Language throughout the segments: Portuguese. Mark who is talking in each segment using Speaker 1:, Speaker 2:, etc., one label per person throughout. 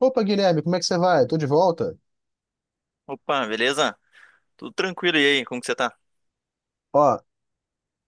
Speaker 1: Opa, Guilherme, como é que você vai? Tô de volta.
Speaker 2: Opa, beleza? Tudo tranquilo e aí? Como que você tá?
Speaker 1: Ó,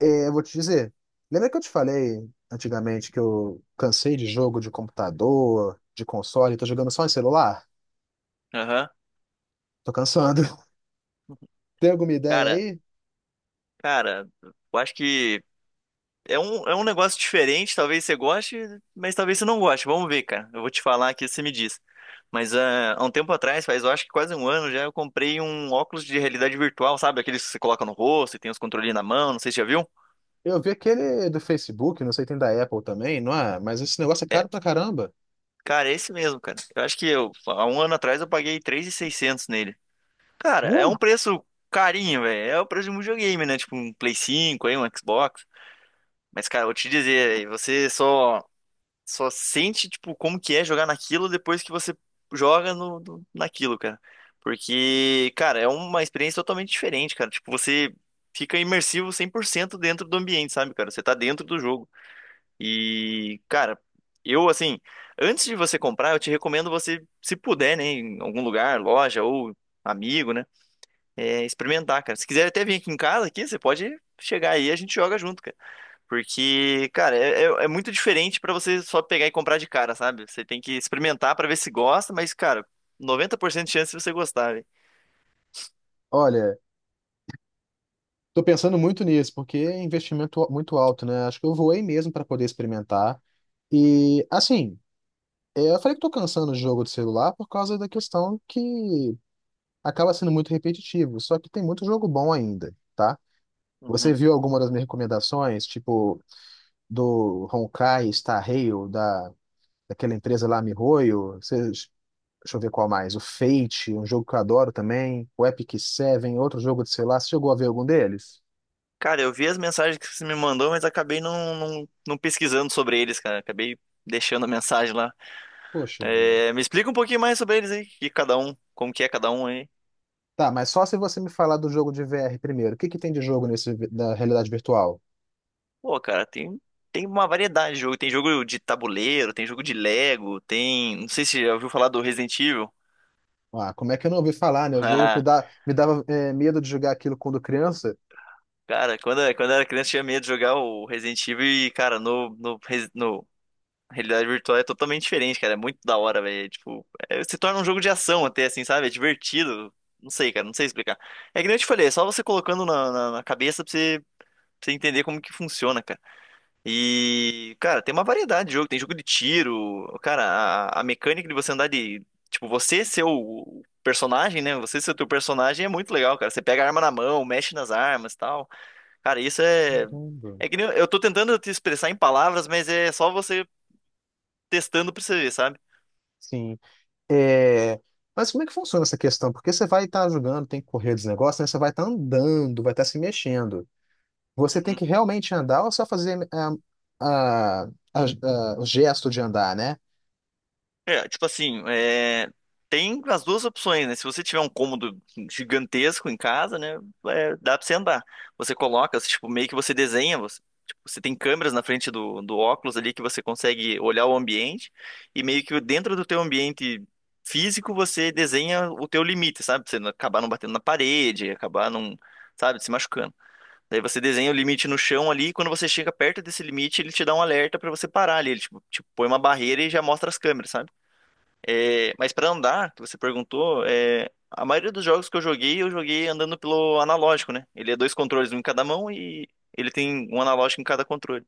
Speaker 1: eu vou te dizer. Lembra que eu te falei antigamente que eu cansei de jogo de computador, de console, tô jogando só em celular?
Speaker 2: Aham.
Speaker 1: Tô cansando. Tem alguma ideia
Speaker 2: Cara,
Speaker 1: aí?
Speaker 2: cara, eu acho que é um negócio diferente, talvez você goste, mas talvez você não goste. Vamos ver, cara. Eu vou te falar aqui, você me diz. Mas há um tempo atrás, faz eu acho que quase um ano já, eu comprei um óculos de realidade virtual, sabe? Aqueles que você coloca no rosto e tem os controlinhos na mão, não sei se já viu.
Speaker 1: Eu vi aquele do Facebook, não sei, tem da Apple também, não é? Mas esse negócio é caro pra caramba.
Speaker 2: Cara, é esse mesmo, cara. Eu acho que há um ano atrás eu paguei 3.600 nele. Cara, é
Speaker 1: Uh,
Speaker 2: um preço carinho, velho. É o preço de um videogame, né? Tipo um Play 5 aí, um Xbox. Mas, cara, eu vou te dizer, você só sente, tipo, como que é jogar naquilo depois que você joga naquilo, cara. Porque, cara, é uma experiência totalmente diferente, cara. Tipo, você fica imersivo 100% dentro do ambiente, sabe, cara? Você tá dentro do jogo. E, cara, eu, assim, antes de você comprar, eu te recomendo você, se puder, né, em algum lugar, loja ou amigo, né, é, experimentar, cara. Se quiser até vir aqui em casa, aqui, você pode chegar aí e a gente joga junto, cara. Porque, cara, é muito diferente pra você só pegar e comprar de cara, sabe? Você tem que experimentar pra ver se gosta, mas, cara, 90% de chance de você gostar, velho.
Speaker 1: olha, tô pensando muito nisso, porque é investimento muito alto, né? Acho que eu voei mesmo para poder experimentar. E, assim, eu falei que tô cansando do jogo de celular por causa da questão que acaba sendo muito repetitivo, só que tem muito jogo bom ainda, tá? Você
Speaker 2: Uhum.
Speaker 1: viu alguma das minhas recomendações, tipo do Honkai Star Rail, daquela empresa lá MiHoYo, Você, deixa eu ver qual mais, o Fate, um jogo que eu adoro também, o Epic Seven, outro jogo de celular, você chegou a ver algum deles?
Speaker 2: Cara, eu vi as mensagens que você me mandou, mas acabei não, não, não pesquisando sobre eles, cara. Acabei deixando a mensagem lá.
Speaker 1: Poxa vida.
Speaker 2: É, me explica um pouquinho mais sobre eles aí, que cada um, como que é cada um aí.
Speaker 1: Tá, mas só se você me falar do jogo de VR primeiro. O que que tem de jogo nesse da realidade virtual?
Speaker 2: Pô, cara, tem uma variedade de jogo. Tem jogo de tabuleiro, tem jogo de Lego, tem. Não sei se você já ouviu falar do Resident Evil.
Speaker 1: Ah, como é que eu não ouvi falar, né? O jogo que dá, me dava medo de jogar aquilo quando criança.
Speaker 2: Cara, quando eu era criança, eu tinha medo de jogar o Resident Evil e, cara, no realidade virtual é totalmente diferente, cara. É muito da hora, velho. É, tipo, se torna um jogo de ação até, assim, sabe? É divertido. Não sei, cara, não sei explicar. É que nem eu te falei, é só você colocando na cabeça pra você entender como que funciona, cara. E, cara, tem uma variedade de jogo. Tem jogo de tiro, cara, a mecânica de você andar de. Tipo, você ser o personagem, né? Você ser o teu personagem é muito legal, cara. Você pega a arma na mão, mexe nas armas e tal. Cara, isso é.
Speaker 1: Caramba.
Speaker 2: É que nem eu tô tentando te expressar em palavras, mas é só você testando pra você ver, sabe?
Speaker 1: Sim. É, mas como é que funciona essa questão? Porque você vai estar jogando, tem que correr dos negócios, né? Você vai estar andando, vai estar se mexendo. Você tem
Speaker 2: Uhum.
Speaker 1: que realmente andar ou só fazer ah, o gesto de andar, né?
Speaker 2: É, tipo assim, é, tem as duas opções, né? Se você tiver um cômodo gigantesco em casa, né? É, dá pra você andar. Você coloca, você, tipo, meio que você desenha, você, tipo, você tem câmeras na frente do óculos ali que você consegue olhar o ambiente e meio que dentro do teu ambiente físico você desenha o teu limite, sabe? Pra você não acabar não batendo na parede, acabar não, sabe, se machucando. Daí você desenha o limite no chão ali, e quando você chega perto desse limite, ele te dá um alerta pra você parar ali. Ele tipo, te põe uma barreira e já mostra as câmeras, sabe? É, mas pra andar, que você perguntou, é, a maioria dos jogos que eu joguei andando pelo analógico, né? Ele é dois controles, um em cada mão e ele tem um analógico em cada controle.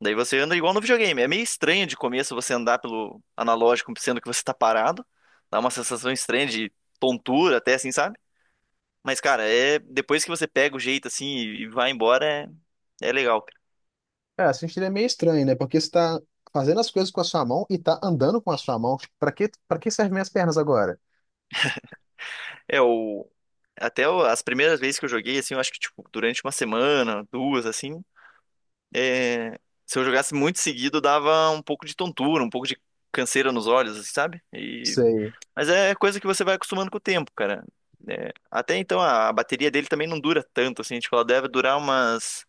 Speaker 2: Daí você anda igual no videogame. É meio estranho de começo você andar pelo analógico, sendo que você tá parado. Dá uma sensação estranha de tontura até, assim, sabe? Mas, cara, é depois que você pega o jeito assim e vai embora, é, é legal, cara.
Speaker 1: Cara, assim seria meio estranho, né? Porque você está fazendo as coisas com a sua mão e está andando com a sua mão. Para que servem minhas pernas agora?
Speaker 2: É o as primeiras vezes que eu joguei assim, eu acho que tipo durante uma semana, duas assim, é, se eu jogasse muito seguido dava um pouco de tontura, um pouco de canseira nos olhos, assim, sabe? E
Speaker 1: Sei,
Speaker 2: mas é coisa que você vai acostumando com o tempo, cara. É, até então a bateria dele também não dura tanto assim, tipo ela deve durar umas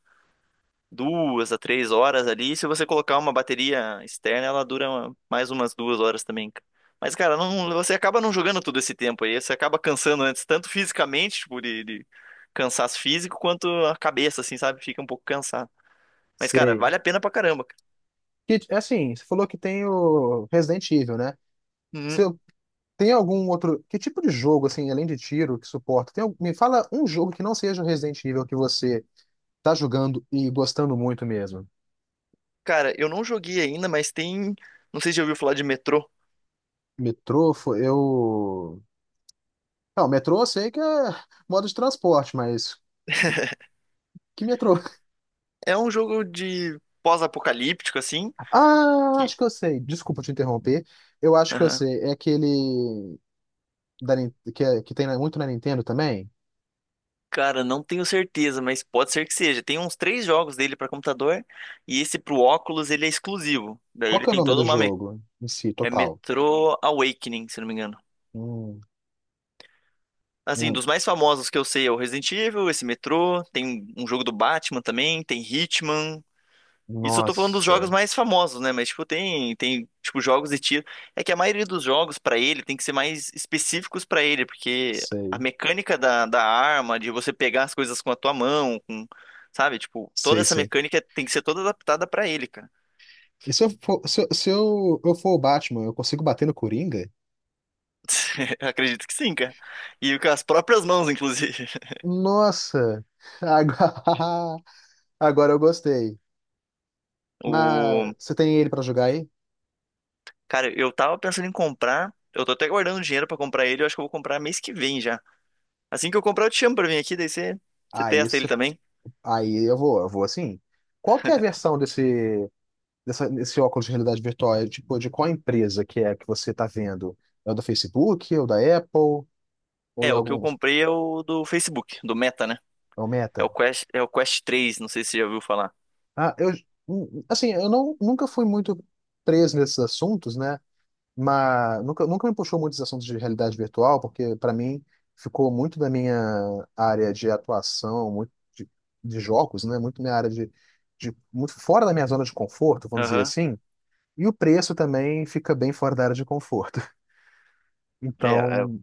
Speaker 2: 2 a 3 horas ali. Se você colocar uma bateria externa, ela dura mais umas 2 horas também. Mas, cara, não- você acaba não jogando todo esse tempo aí. Você acaba cansando antes, tanto fisicamente, tipo, de cansaço físico, quanto a cabeça, assim, sabe? Fica um pouco cansado. Mas, cara,
Speaker 1: sei.
Speaker 2: vale a pena pra caramba, cara.
Speaker 1: Que, assim, você falou que tem o Resident Evil, né?
Speaker 2: Hum.
Speaker 1: Se Tem algum outro. Que tipo de jogo, assim, além de tiro, que suporta? Me fala um jogo que não seja o Resident Evil que você tá jogando e gostando muito mesmo.
Speaker 2: Cara, eu não joguei ainda, mas tem. Não sei se já ouviu falar de Metrô.
Speaker 1: Metrô, fo- eu. Não, metrô eu sei que é modo de transporte, mas. Que metrô?
Speaker 2: É um jogo de pós-apocalíptico, assim.
Speaker 1: Ah,
Speaker 2: que-
Speaker 1: acho que eu sei. Desculpa te interromper. Eu acho que eu sei. É aquele. Que, que muito na Nintendo também?
Speaker 2: Cara, não tenho certeza, mas pode ser que seja. Tem uns três jogos dele pra computador e esse pro óculos ele é exclusivo. Daí
Speaker 1: Qual
Speaker 2: ele
Speaker 1: que é o
Speaker 2: tem
Speaker 1: nome
Speaker 2: toda
Speaker 1: do
Speaker 2: uma me...
Speaker 1: jogo em si,
Speaker 2: É
Speaker 1: total?
Speaker 2: Metro Awakening, se não me engano.
Speaker 1: Hum,
Speaker 2: Assim,
Speaker 1: hum,
Speaker 2: dos mais famosos que eu sei é o Resident Evil, esse Metro, tem um jogo do Batman também, tem Hitman. Isso eu tô falando dos jogos
Speaker 1: nossa,
Speaker 2: mais famosos, né? Mas, tipo, tem, tipo, jogos de tiro. É que a maioria dos jogos, pra ele, tem que ser mais específicos pra ele, porque a
Speaker 1: sei.
Speaker 2: mecânica da arma, de você pegar as coisas com a tua mão, com, sabe? Tipo, toda
Speaker 1: Sei,
Speaker 2: essa
Speaker 1: sei.
Speaker 2: mecânica tem que ser toda adaptada pra ele, cara.
Speaker 1: E se eu for, se, eu, se eu- eu for o Batman, eu consigo bater no Coringa?
Speaker 2: Acredito que sim, cara. E com as próprias mãos, inclusive.
Speaker 1: Nossa! Agora, agora eu gostei.
Speaker 2: O...
Speaker 1: Mas você tem ele pra jogar aí?
Speaker 2: Cara, eu tava pensando em comprar. Eu tô até guardando dinheiro pra comprar ele. Eu acho que eu vou comprar mês que vem já. Assim que eu comprar, eu te chamo pra vir aqui, daí você, você
Speaker 1: Aí,
Speaker 2: testa ele
Speaker 1: isso,
Speaker 2: também.
Speaker 1: aí eu vou assim. Qual que é a versão desse, desse óculos de realidade virtual? É, tipo, de qual empresa que é que você tá vendo? É o da Facebook, ou da Apple, ou
Speaker 2: É,
Speaker 1: de
Speaker 2: o que eu
Speaker 1: alguns,
Speaker 2: comprei é o do Facebook, do Meta, né?
Speaker 1: é o
Speaker 2: É o
Speaker 1: Meta?
Speaker 2: Quest, é o Quest 3, não sei se você já ouviu falar.
Speaker 1: Ah, eu, assim, eu não, nunca fui muito preso nesses assuntos, né? Mas nunca me puxou muito esse assunto de realidade virtual, porque para mim ficou muito da minha área de atuação, muito de jogos, né? Muito minha área de muito fora da minha zona de conforto, vamos dizer
Speaker 2: Aham.
Speaker 1: assim. E o preço também fica bem fora da área de conforto.
Speaker 2: É,
Speaker 1: Então,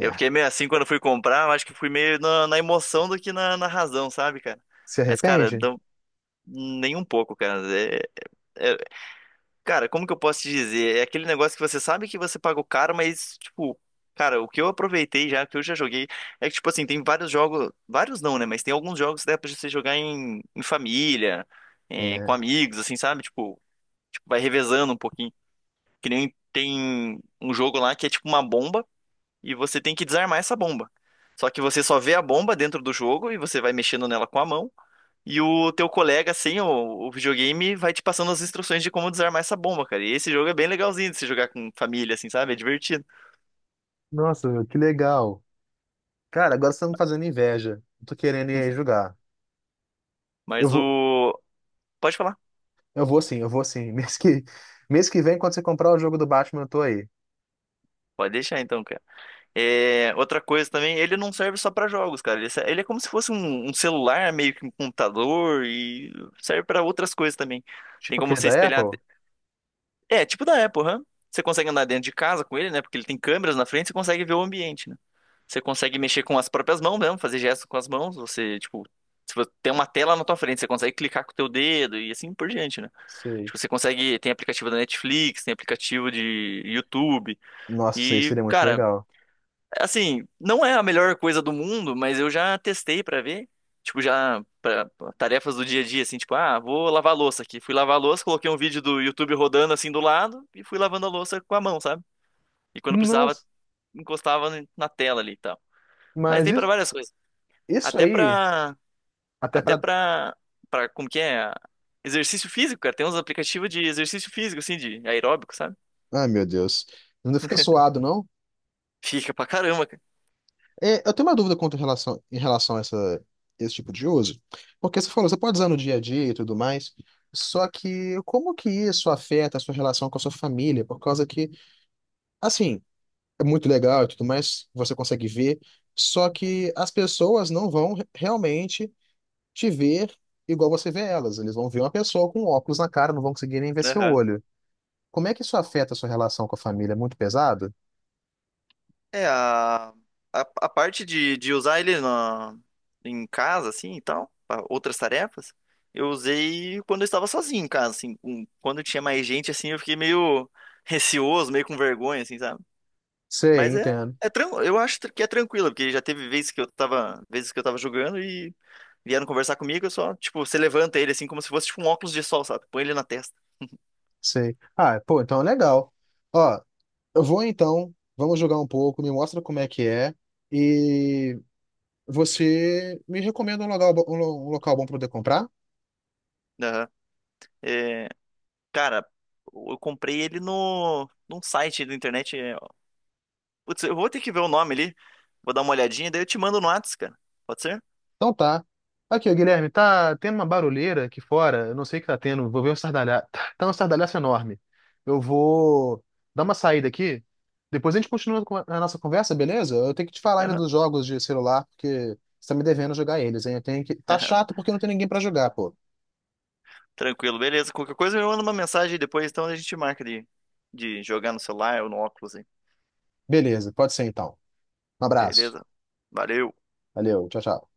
Speaker 2: eu fiquei meio assim quando eu fui comprar, mas acho que fui meio na emoção do que na razão, sabe, cara?
Speaker 1: Se
Speaker 2: Mas, cara,
Speaker 1: arrepende?
Speaker 2: não, nem um pouco, cara. É, é- cara, como que eu posso te dizer? É aquele negócio que você sabe que você pagou caro, mas, tipo, cara, o que eu aproveitei já, o que eu já joguei, é que, tipo assim, tem vários jogos, vários não, né? Mas tem alguns jogos que dá pra você jogar em família, é, com
Speaker 1: É.
Speaker 2: amigos, assim, sabe? Tipo, vai revezando um pouquinho. Que nem tem um jogo lá que é tipo uma bomba e você tem que desarmar essa bomba. Só que você só vê a bomba dentro do jogo e você vai mexendo nela com a mão. E o teu colega, sem o videogame, vai te passando as instruções de como desarmar essa bomba, cara. E esse jogo é bem legalzinho de se jogar com família, assim, sabe? É divertido.
Speaker 1: Nossa, que legal. Cara, agora você tá me fazendo inveja. Eu Tô querendo ir aí jogar. Eu
Speaker 2: Mas
Speaker 1: vou,
Speaker 2: o. Pode falar.
Speaker 1: eu vou sim. Mês que vem, quando você comprar o jogo do Batman, eu tô aí.
Speaker 2: Pode deixar então, cara. É, outra coisa também, ele não serve só pra jogos, cara. Ele é como se fosse um celular, meio que um computador, e serve pra outras coisas também. Tem
Speaker 1: Tipo
Speaker 2: como
Speaker 1: aquele
Speaker 2: você
Speaker 1: da
Speaker 2: espelhar.
Speaker 1: Apple?
Speaker 2: É, tipo da Apple, hã? Você consegue andar dentro de casa com ele, né? Porque ele tem câmeras na frente, você consegue ver o ambiente, né? Você consegue mexer com as próprias mãos mesmo, fazer gestos com as mãos. Você, tipo, se você tem uma tela na tua frente, você consegue clicar com o teu dedo e assim por diante, né?
Speaker 1: Sei.
Speaker 2: Tipo, você consegue. Tem aplicativo da Netflix, tem aplicativo de YouTube.
Speaker 1: Nossa, isso aí
Speaker 2: E,
Speaker 1: seria muito
Speaker 2: cara.
Speaker 1: legal.
Speaker 2: Assim, não é a melhor coisa do mundo, mas eu já testei pra ver. Tipo, já para tarefas do dia a dia, assim, tipo, ah, vou lavar a louça aqui. Fui lavar a louça, coloquei um vídeo do YouTube rodando assim do lado e fui lavando a louça com a mão, sabe? E quando precisava,
Speaker 1: Nossa,
Speaker 2: encostava na tela ali e tal. Mas
Speaker 1: mas
Speaker 2: tem pra
Speaker 1: isso,
Speaker 2: várias coisas.
Speaker 1: isso
Speaker 2: Até
Speaker 1: aí,
Speaker 2: pra
Speaker 1: até
Speaker 2: até
Speaker 1: pra.
Speaker 2: pra para como que é? Exercício físico, cara. Tem uns aplicativos de exercício físico assim de aeróbico, sabe?
Speaker 1: Ai, meu Deus. Não fica suado, não?
Speaker 2: Fica pra caramba,
Speaker 1: É, eu tenho uma dúvida quanto em relação a essa, esse tipo de uso. Porque você falou, você pode usar no dia a dia e tudo mais. Só que como que isso afeta a sua relação com a sua família? Por causa que, assim, é muito legal e tudo mais, você consegue ver. Só que as pessoas não vão re- realmente te ver igual você vê elas. Eles vão ver uma pessoa com óculos na cara, não vão conseguir nem ver seu
Speaker 2: cara.
Speaker 1: olho. Como é que isso afeta a sua relação com a família? É muito pesado?
Speaker 2: É, a parte de usar ele na, em casa, assim, e tal, pra outras tarefas, eu usei quando eu estava sozinho em casa, assim. Quando tinha mais gente, assim, eu fiquei meio receoso, meio com vergonha, assim, sabe?
Speaker 1: Sei,
Speaker 2: Mas
Speaker 1: entendo.
Speaker 2: eu acho que é tranquilo, porque já teve vezes que eu tava, jogando e vieram conversar comigo, eu só, tipo, você levanta ele, assim, como se fosse, tipo, um óculos de sol, sabe? Põe ele na testa.
Speaker 1: Sei. Ah, pô, então é legal. Ó, eu vou então, vamos jogar um pouco, me mostra como é que é e você me recomenda um local, um local bom para poder comprar?
Speaker 2: Aham. É, cara, eu comprei ele no, num site da internet, é Putz, eu vou ter que ver o nome ali. Vou dar uma olhadinha, daí eu te mando no Whats, cara. Pode ser?
Speaker 1: Então tá. Aqui, ó, Guilherme, tá tendo uma barulheira aqui fora. Eu não sei o que tá tendo. Vou ver um estardalhaço. Tá um estardalhaço enorme. Eu vou dar uma saída aqui. Depois a gente continua com a nossa conversa, beleza? Eu tenho que te falar ainda
Speaker 2: Aham.
Speaker 1: dos jogos de celular, porque você tá me devendo jogar eles, hein? Eu tenho que... Tá chato porque não tem ninguém pra jogar, pô.
Speaker 2: Tranquilo, beleza. Qualquer coisa eu mando uma mensagem aí depois, então a gente marca de jogar no celular ou no óculos aí.
Speaker 1: Beleza, pode ser então. Um abraço.
Speaker 2: Beleza? Valeu.
Speaker 1: Valeu, tchau, tchau.